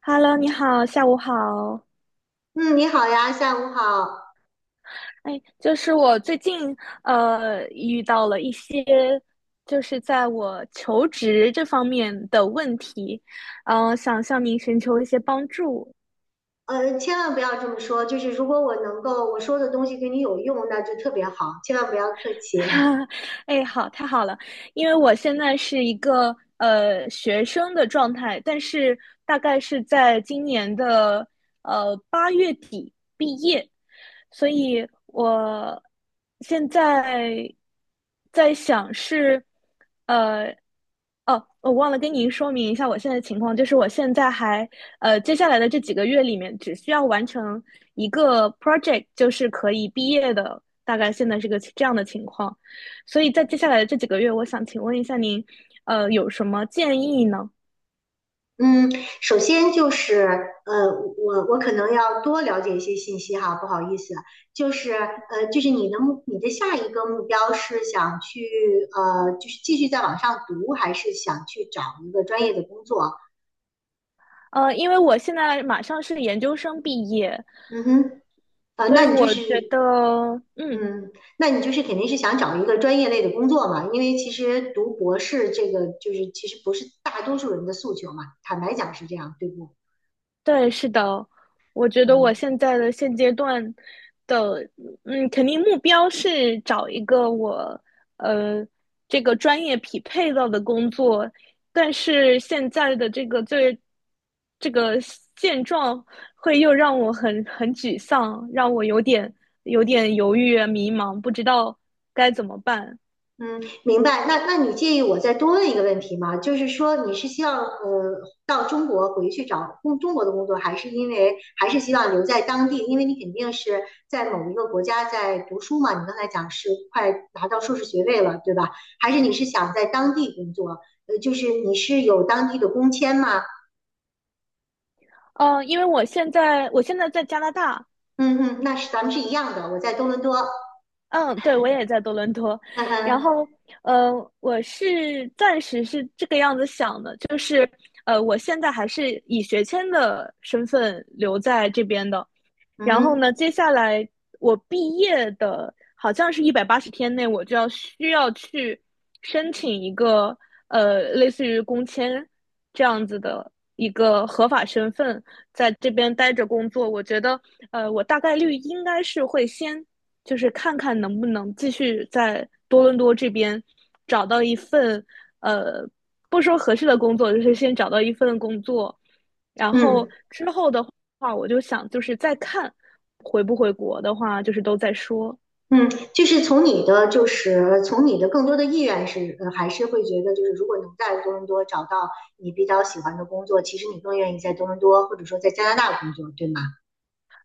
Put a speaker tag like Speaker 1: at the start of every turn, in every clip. Speaker 1: Hello，你好，下午好。
Speaker 2: 嗯，你好呀，下午好。
Speaker 1: 哎，就是我最近遇到了一些，就是在我求职这方面的问题，想向您寻求一些帮助。
Speaker 2: 千万不要这么说，就是如果我能够我说的东西对你有用，那就特别好，千万不要客气。
Speaker 1: 哎，好，太好了，因为我现在是一个学生的状态，但是大概是在今年的8月底毕业，所以我现在在想是呃。哦，我忘了跟您说明一下我现在的情况，就是我现在还接下来的这几个月里面，只需要完成一个 project，就是可以毕业的大概现在是个这样的情况，所以在接下来的这几个月，我想请问一下您，有什么建议呢？
Speaker 2: 嗯，首先就是呃，我可能要多了解一些信息哈，不好意思，就是就是你的下一个目标是想去就是继续再往上读，还是想去找一个专业的工作？
Speaker 1: 因为我现在马上是研究生毕业，
Speaker 2: 嗯哼，呃，
Speaker 1: 所以
Speaker 2: 那你就
Speaker 1: 我
Speaker 2: 是
Speaker 1: 觉得，嗯，
Speaker 2: 嗯，那你就是肯定是想找一个专业类的工作嘛？因为其实读博士这个就是其实不是大多数人的诉求嘛，坦白讲是这样，对不？
Speaker 1: 对，是的，我觉得我
Speaker 2: 嗯，
Speaker 1: 现在的现阶段的，肯定目标是找一个我呃这个专业匹配到的工作，但是现在的这个这个现状会又让我很沮丧，让我有点犹豫啊迷茫，不知道该怎么办。
Speaker 2: 嗯，明白。那你介意我再多问一个问题吗？就是说你是希望到中国回去找中国的工作，还是还是希望留在当地？因为你肯定是在某一个国家在读书嘛，你刚才讲是快拿到硕士学位了，对吧？还是你是想在当地工作？就是你是有当地的工签吗？
Speaker 1: 因为我现在在加拿大，
Speaker 2: 嗯嗯，那是咱们是一样的。我在多伦多，
Speaker 1: 嗯，对，我也在多伦多，
Speaker 2: 嗯
Speaker 1: 然
Speaker 2: 嗯
Speaker 1: 后，呃，我是暂时是这个样子想的，就是，我现在还是以学签的身份留在这边的，
Speaker 2: 嗯
Speaker 1: 然后
Speaker 2: 哼，
Speaker 1: 呢，接下来我毕业的，好像是180天内，我就要需要去申请一个，类似于工签这样子的一个合法身份，在这边待着工作。我觉得，我大概率应该是会先。就是看看能不能继续在多伦多这边找到一份，呃，不说合适的工作，就是先找到一份工作，然后
Speaker 2: 嗯
Speaker 1: 之后的话，我就想就是再看回不回国的话，就是都在说。
Speaker 2: 嗯，就是从你的更多的意愿是，还是会觉得，就是如果能在多伦多找到你比较喜欢的工作，其实你更愿意在多伦多或者说在加拿大工作，对吗？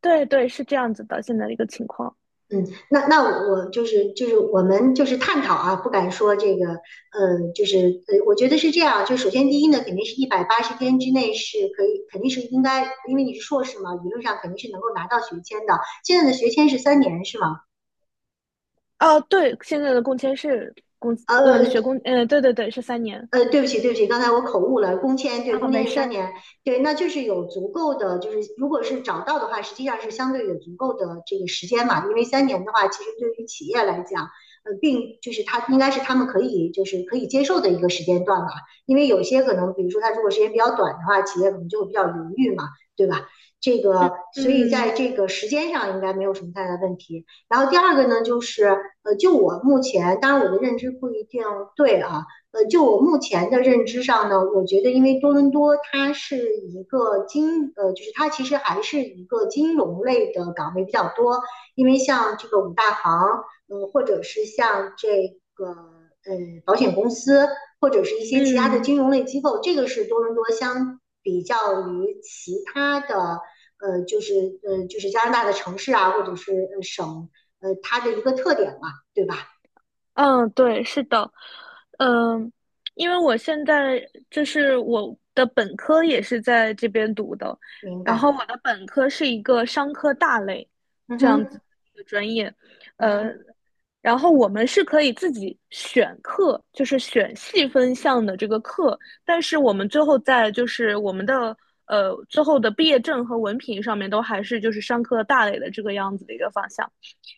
Speaker 1: 对对，是这样子的，现在的一个情况。
Speaker 2: 嗯，那我们就是探讨啊，不敢说这个，就是我觉得是这样，就首先第一呢，肯定是180天之内是可以，肯定是应该，因为你是硕士嘛，理论上肯定是能够拿到学签的。现在的学签是三年是吗？
Speaker 1: 哦，对，现在的工签是工，学
Speaker 2: 呃，
Speaker 1: 工，对对对，是3年
Speaker 2: 对不起，对不起，刚才我口误了。工签，对，
Speaker 1: 啊，
Speaker 2: 工签
Speaker 1: 没
Speaker 2: 是
Speaker 1: 事
Speaker 2: 三
Speaker 1: 儿，
Speaker 2: 年，对，那就是有足够的，就是如果是找到的话，实际上是相对有足够的这个时间嘛。因为三年的话，其实对于企业来讲，就是他们可以接受的一个时间段嘛。因为有些可能，比如说他如果时间比较短的话，企业可能就会比较犹豫嘛，对吧？这
Speaker 1: 嗯
Speaker 2: 个，所以在
Speaker 1: 嗯
Speaker 2: 这个时间上应该没有什么太大问题。然后第二个呢，就是就我目前，当然我的认知不一定对啊。就我目前的认知上呢，我觉得因为多伦多它是一个金，就是它其实还是一个金融类的岗位比较多，因为像这个五大行，或者是像这个呃保险公司，或者是一些其他的
Speaker 1: 嗯。
Speaker 2: 金融类机构，这个是多伦多相比较于其他的，就是就是加拿大的城市啊，或者是省，它的一个特点嘛，对吧？
Speaker 1: 嗯，对，是的，嗯，因为我现在就是我的本科也是在这边读的，
Speaker 2: 明
Speaker 1: 然
Speaker 2: 白，
Speaker 1: 后我的本科是一个商科大类
Speaker 2: 嗯
Speaker 1: 这样
Speaker 2: 哼，
Speaker 1: 子的一个专业，
Speaker 2: 嗯
Speaker 1: 呃，
Speaker 2: 哼，
Speaker 1: 然后我们是可以自己选课，就是选细分项的这个课，但是我们最后在就是我们的最后的毕业证和文凭上面都还是就是商科大类的这个样子的一个方向。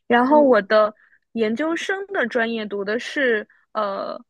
Speaker 1: 然后我
Speaker 2: 嗯。
Speaker 1: 的研究生的专业读的是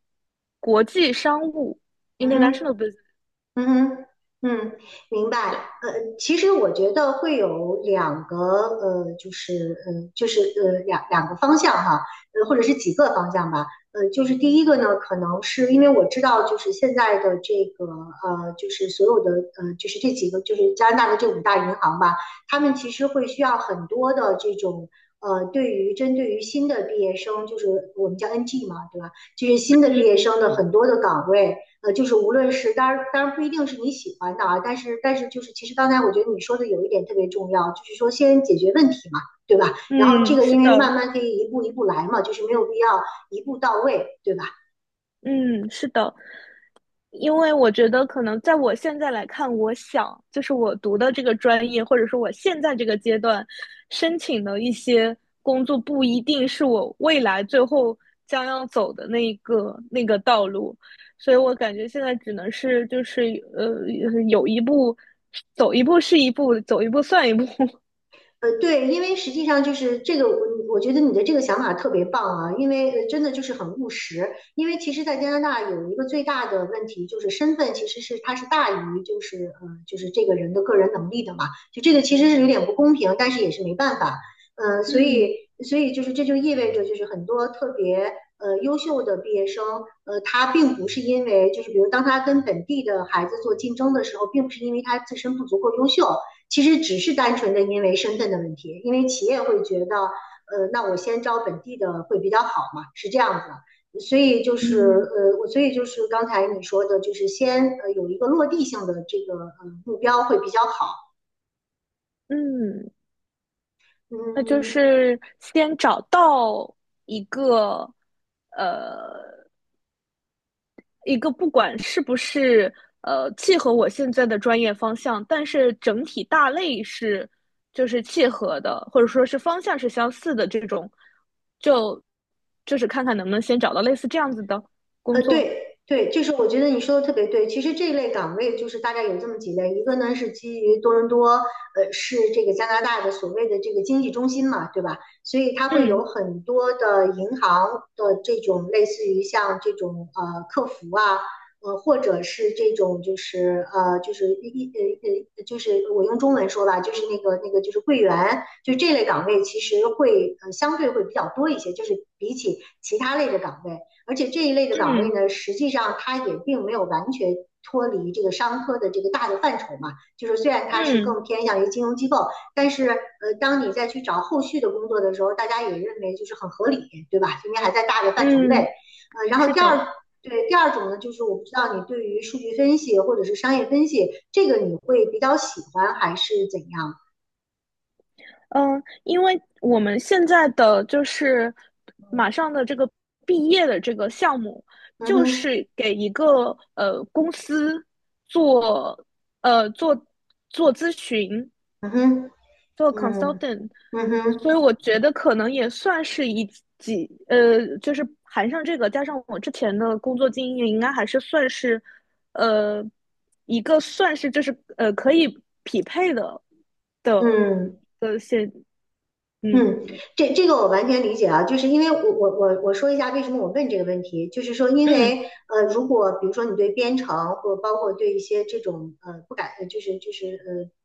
Speaker 1: 国际商务
Speaker 2: 嗯哼，
Speaker 1: （international business）。
Speaker 2: 嗯哼，嗯，明白。
Speaker 1: 对，
Speaker 2: 其实我觉得会有两个，就是，就是，两个方向哈，或者是几个方向吧。就是第一个呢，可能是因为我知道，就是现在的这个，就是所有的，就是这几个，就是加拿大的这五大银行吧，他们其实会需要很多的这种。对于针对于新的毕业生，就是我们叫 NG 嘛，对吧？就是新的毕业
Speaker 1: 嗯
Speaker 2: 生的很多的岗位，就是无论是当然不一定是你喜欢的啊，但是就是其实刚才我觉得你说的有一点特别重要，就是说先解决问题嘛，对吧？然后这
Speaker 1: 嗯，
Speaker 2: 个
Speaker 1: 是
Speaker 2: 因为慢
Speaker 1: 的，
Speaker 2: 慢可以一步一步来嘛，就是没有必要一步到位，对吧？
Speaker 1: 嗯是的。因为我觉得可能在我现在来看，我想就是我读的这个专业，或者说我现在这个阶段申请的一些工作，不一定是我未来最后将要走的那个道路，所以我感觉现在只能是就是呃有一步走一步是一步，走一步算一步。
Speaker 2: 对，因为实际上就是这个，我觉得你的这个想法特别棒啊，因为真的就是很务实。因为其实，在加拿大有一个最大的问题就是身份其实是它是大于就是就是这个人的个人能力的嘛，就这个其实是有点不公平，但是也是没办法。呃，所以
Speaker 1: 嗯
Speaker 2: 所以就是这就意味着就是很多特别优秀的毕业生，他并不是因为就是比如当他跟本地的孩子做竞争的时候，并不是因为他自身不足够优秀。其实只是单纯的因为身份的问题，因为企业会觉得，那我先招本地的会比较好嘛，是这样子的。所以就是
Speaker 1: 嗯
Speaker 2: 我所以就是刚才你说的，就是先有一个落地性的这个目标会比较好。
Speaker 1: 嗯，那就
Speaker 2: 嗯，
Speaker 1: 是先找到一个呃。一个不管是不是契合我现在的专业方向，但是整体大类是就是契合的，或者说是方向是相似的这种，就就是看看能不能先找到类似这样子的工作。
Speaker 2: 对对，就是我觉得你说的特别对。其实这一类岗位就是大概有这么几类，一个呢是基于多伦多，是这个加拿大的所谓的这个经济中心嘛，对吧？所以它会
Speaker 1: 嗯
Speaker 2: 有很多的银行的这种类似于像这种客服啊，或者是这种就是就是就是我用中文说吧，就是那个就是柜员，就这类岗位其实会相对会比较多一些，就是比起其他类的岗位。而且这一类的岗位
Speaker 1: 嗯
Speaker 2: 呢，实际上它也并没有完全脱离这个商科的这个大的范畴嘛。就是虽然它是
Speaker 1: 嗯
Speaker 2: 更偏向于金融机构，但是当你再去找后续的工作的时候，大家也认为就是很合理，对吧？因为还在大的范畴
Speaker 1: 嗯，
Speaker 2: 内。然后
Speaker 1: 是
Speaker 2: 第
Speaker 1: 的。
Speaker 2: 二。对，第二种呢，就是我不知道你对于数据分析或者是商业分析这个你会比较喜欢还是怎样？
Speaker 1: 嗯，因为我们现在的就是马上的这个毕业的这个项目，
Speaker 2: 嗯
Speaker 1: 就
Speaker 2: 哼，
Speaker 1: 是给一个公司做呃做做咨询，
Speaker 2: 嗯哼，
Speaker 1: 做
Speaker 2: 嗯，
Speaker 1: consultant，
Speaker 2: 嗯哼，
Speaker 1: 所以我觉得可能也算是一几，就是含上这个，加上我之前的工作经验，应该还是算是呃一个算是就是可以匹配的的
Speaker 2: 嗯。
Speaker 1: 现
Speaker 2: 嗯，
Speaker 1: 嗯。
Speaker 2: 这个我完全理解啊，就是因为我说一下为什么我问这个问题，就是说因
Speaker 1: 嗯
Speaker 2: 为如果比如说你对编程或包括对一些这种呃不感，就是就是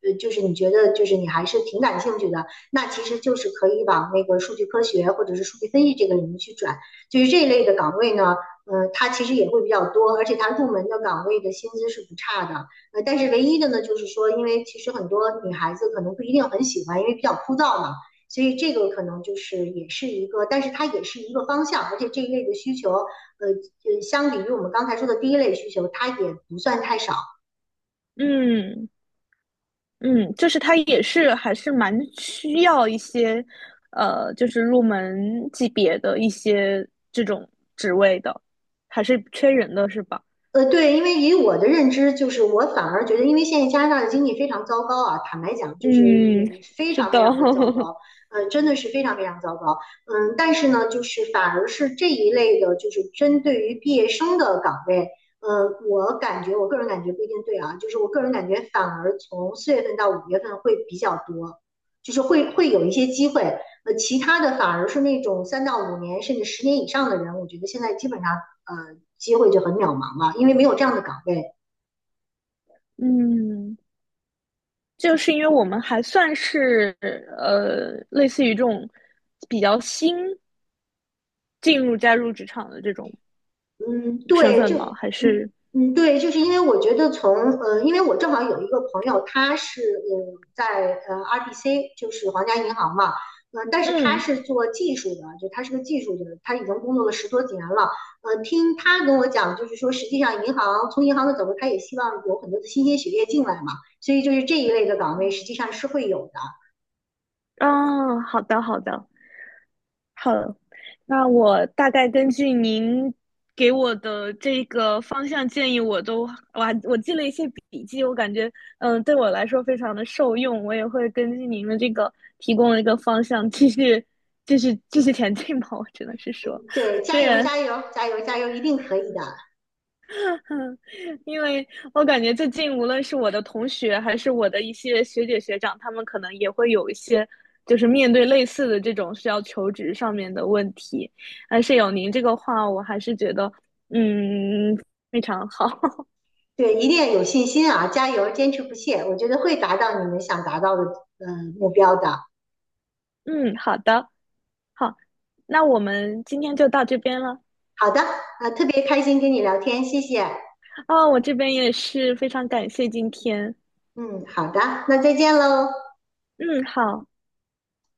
Speaker 2: 呃呃就是你觉得就是你还是挺感兴趣的，那其实就是可以往那个数据科学或者是数据分析这个领域去转，就是这一类的岗位呢，它其实也会比较多，而且它入门的岗位的薪资是不差的，但是唯一的呢，就是说因为其实很多女孩子可能不一定很喜欢，因为比较枯燥嘛。所以这个可能就是也是一个，但是它也是一个方向，而且这一类的需求，相比于我们刚才说的第一类需求，它也不算太少。
Speaker 1: 嗯嗯，就是它也是还是蛮需要一些，就是入门级别的一些这种职位的，还是缺人的是吧？
Speaker 2: 对，因为以我的认知，就是我反而觉得，因为现在加拿大的经济非常糟糕啊，坦白讲，就是
Speaker 1: 嗯，
Speaker 2: 非
Speaker 1: 是
Speaker 2: 常
Speaker 1: 的，
Speaker 2: 非常的糟 糕，真的是非常非常糟糕，但是呢，就是反而是这一类的，就是针对于毕业生的岗位，我感觉，我个人感觉不一定对啊，就是我个人感觉反而从4月份到5月份会比较多，就是会有一些机会，其他的反而是那种3到5年甚至10年以上的人，我觉得现在基本上。机会就很渺茫了，因为没有这样的岗位。
Speaker 1: 嗯，就是因为我们还算是类似于这种比较新进入加入职场的这种
Speaker 2: 嗯，
Speaker 1: 身
Speaker 2: 对，
Speaker 1: 份
Speaker 2: 就
Speaker 1: 吗？还
Speaker 2: 嗯
Speaker 1: 是
Speaker 2: 嗯，对，就是因为我觉得从因为我正好有一个朋友，他是在RBC，就是皇家银行嘛，但是他
Speaker 1: 嗯
Speaker 2: 是做技术的，就他是个技术的，他已经工作了10多几年了。听他跟我讲，就是说实际上从银行的角度，他也希望有很多的新鲜血液进来嘛，所以就是这一类的岗位实际上是会有的。
Speaker 1: 啊，哦好的好的，好了，那我大概根据您给我的这个方向建议，我都我还我记了一些笔记，我感觉对我来说非常的受用，我也会根据您的这个提供的一个方向继续前进吧，我只能是说，
Speaker 2: 对，加
Speaker 1: 虽
Speaker 2: 油
Speaker 1: 然
Speaker 2: 加油加油加油，一定可以的。
Speaker 1: 嗯，因为我感觉最近无论是我的同学，还是我的一些学姐学长，他们可能也会有一些，就是面对类似的这种需要求职上面的问题。但是有您这个话，我还是觉得，嗯，非常好。
Speaker 2: 对，一定要有信心啊，加油，坚持不懈，我觉得会达到你们想达到的目标的。
Speaker 1: 嗯，好的，好，那我们今天就到这边了。
Speaker 2: 好的，特别开心跟你聊天，谢谢。
Speaker 1: 啊，我这边也是非常感谢今天。
Speaker 2: 嗯，好的，那再见喽。
Speaker 1: 嗯，好。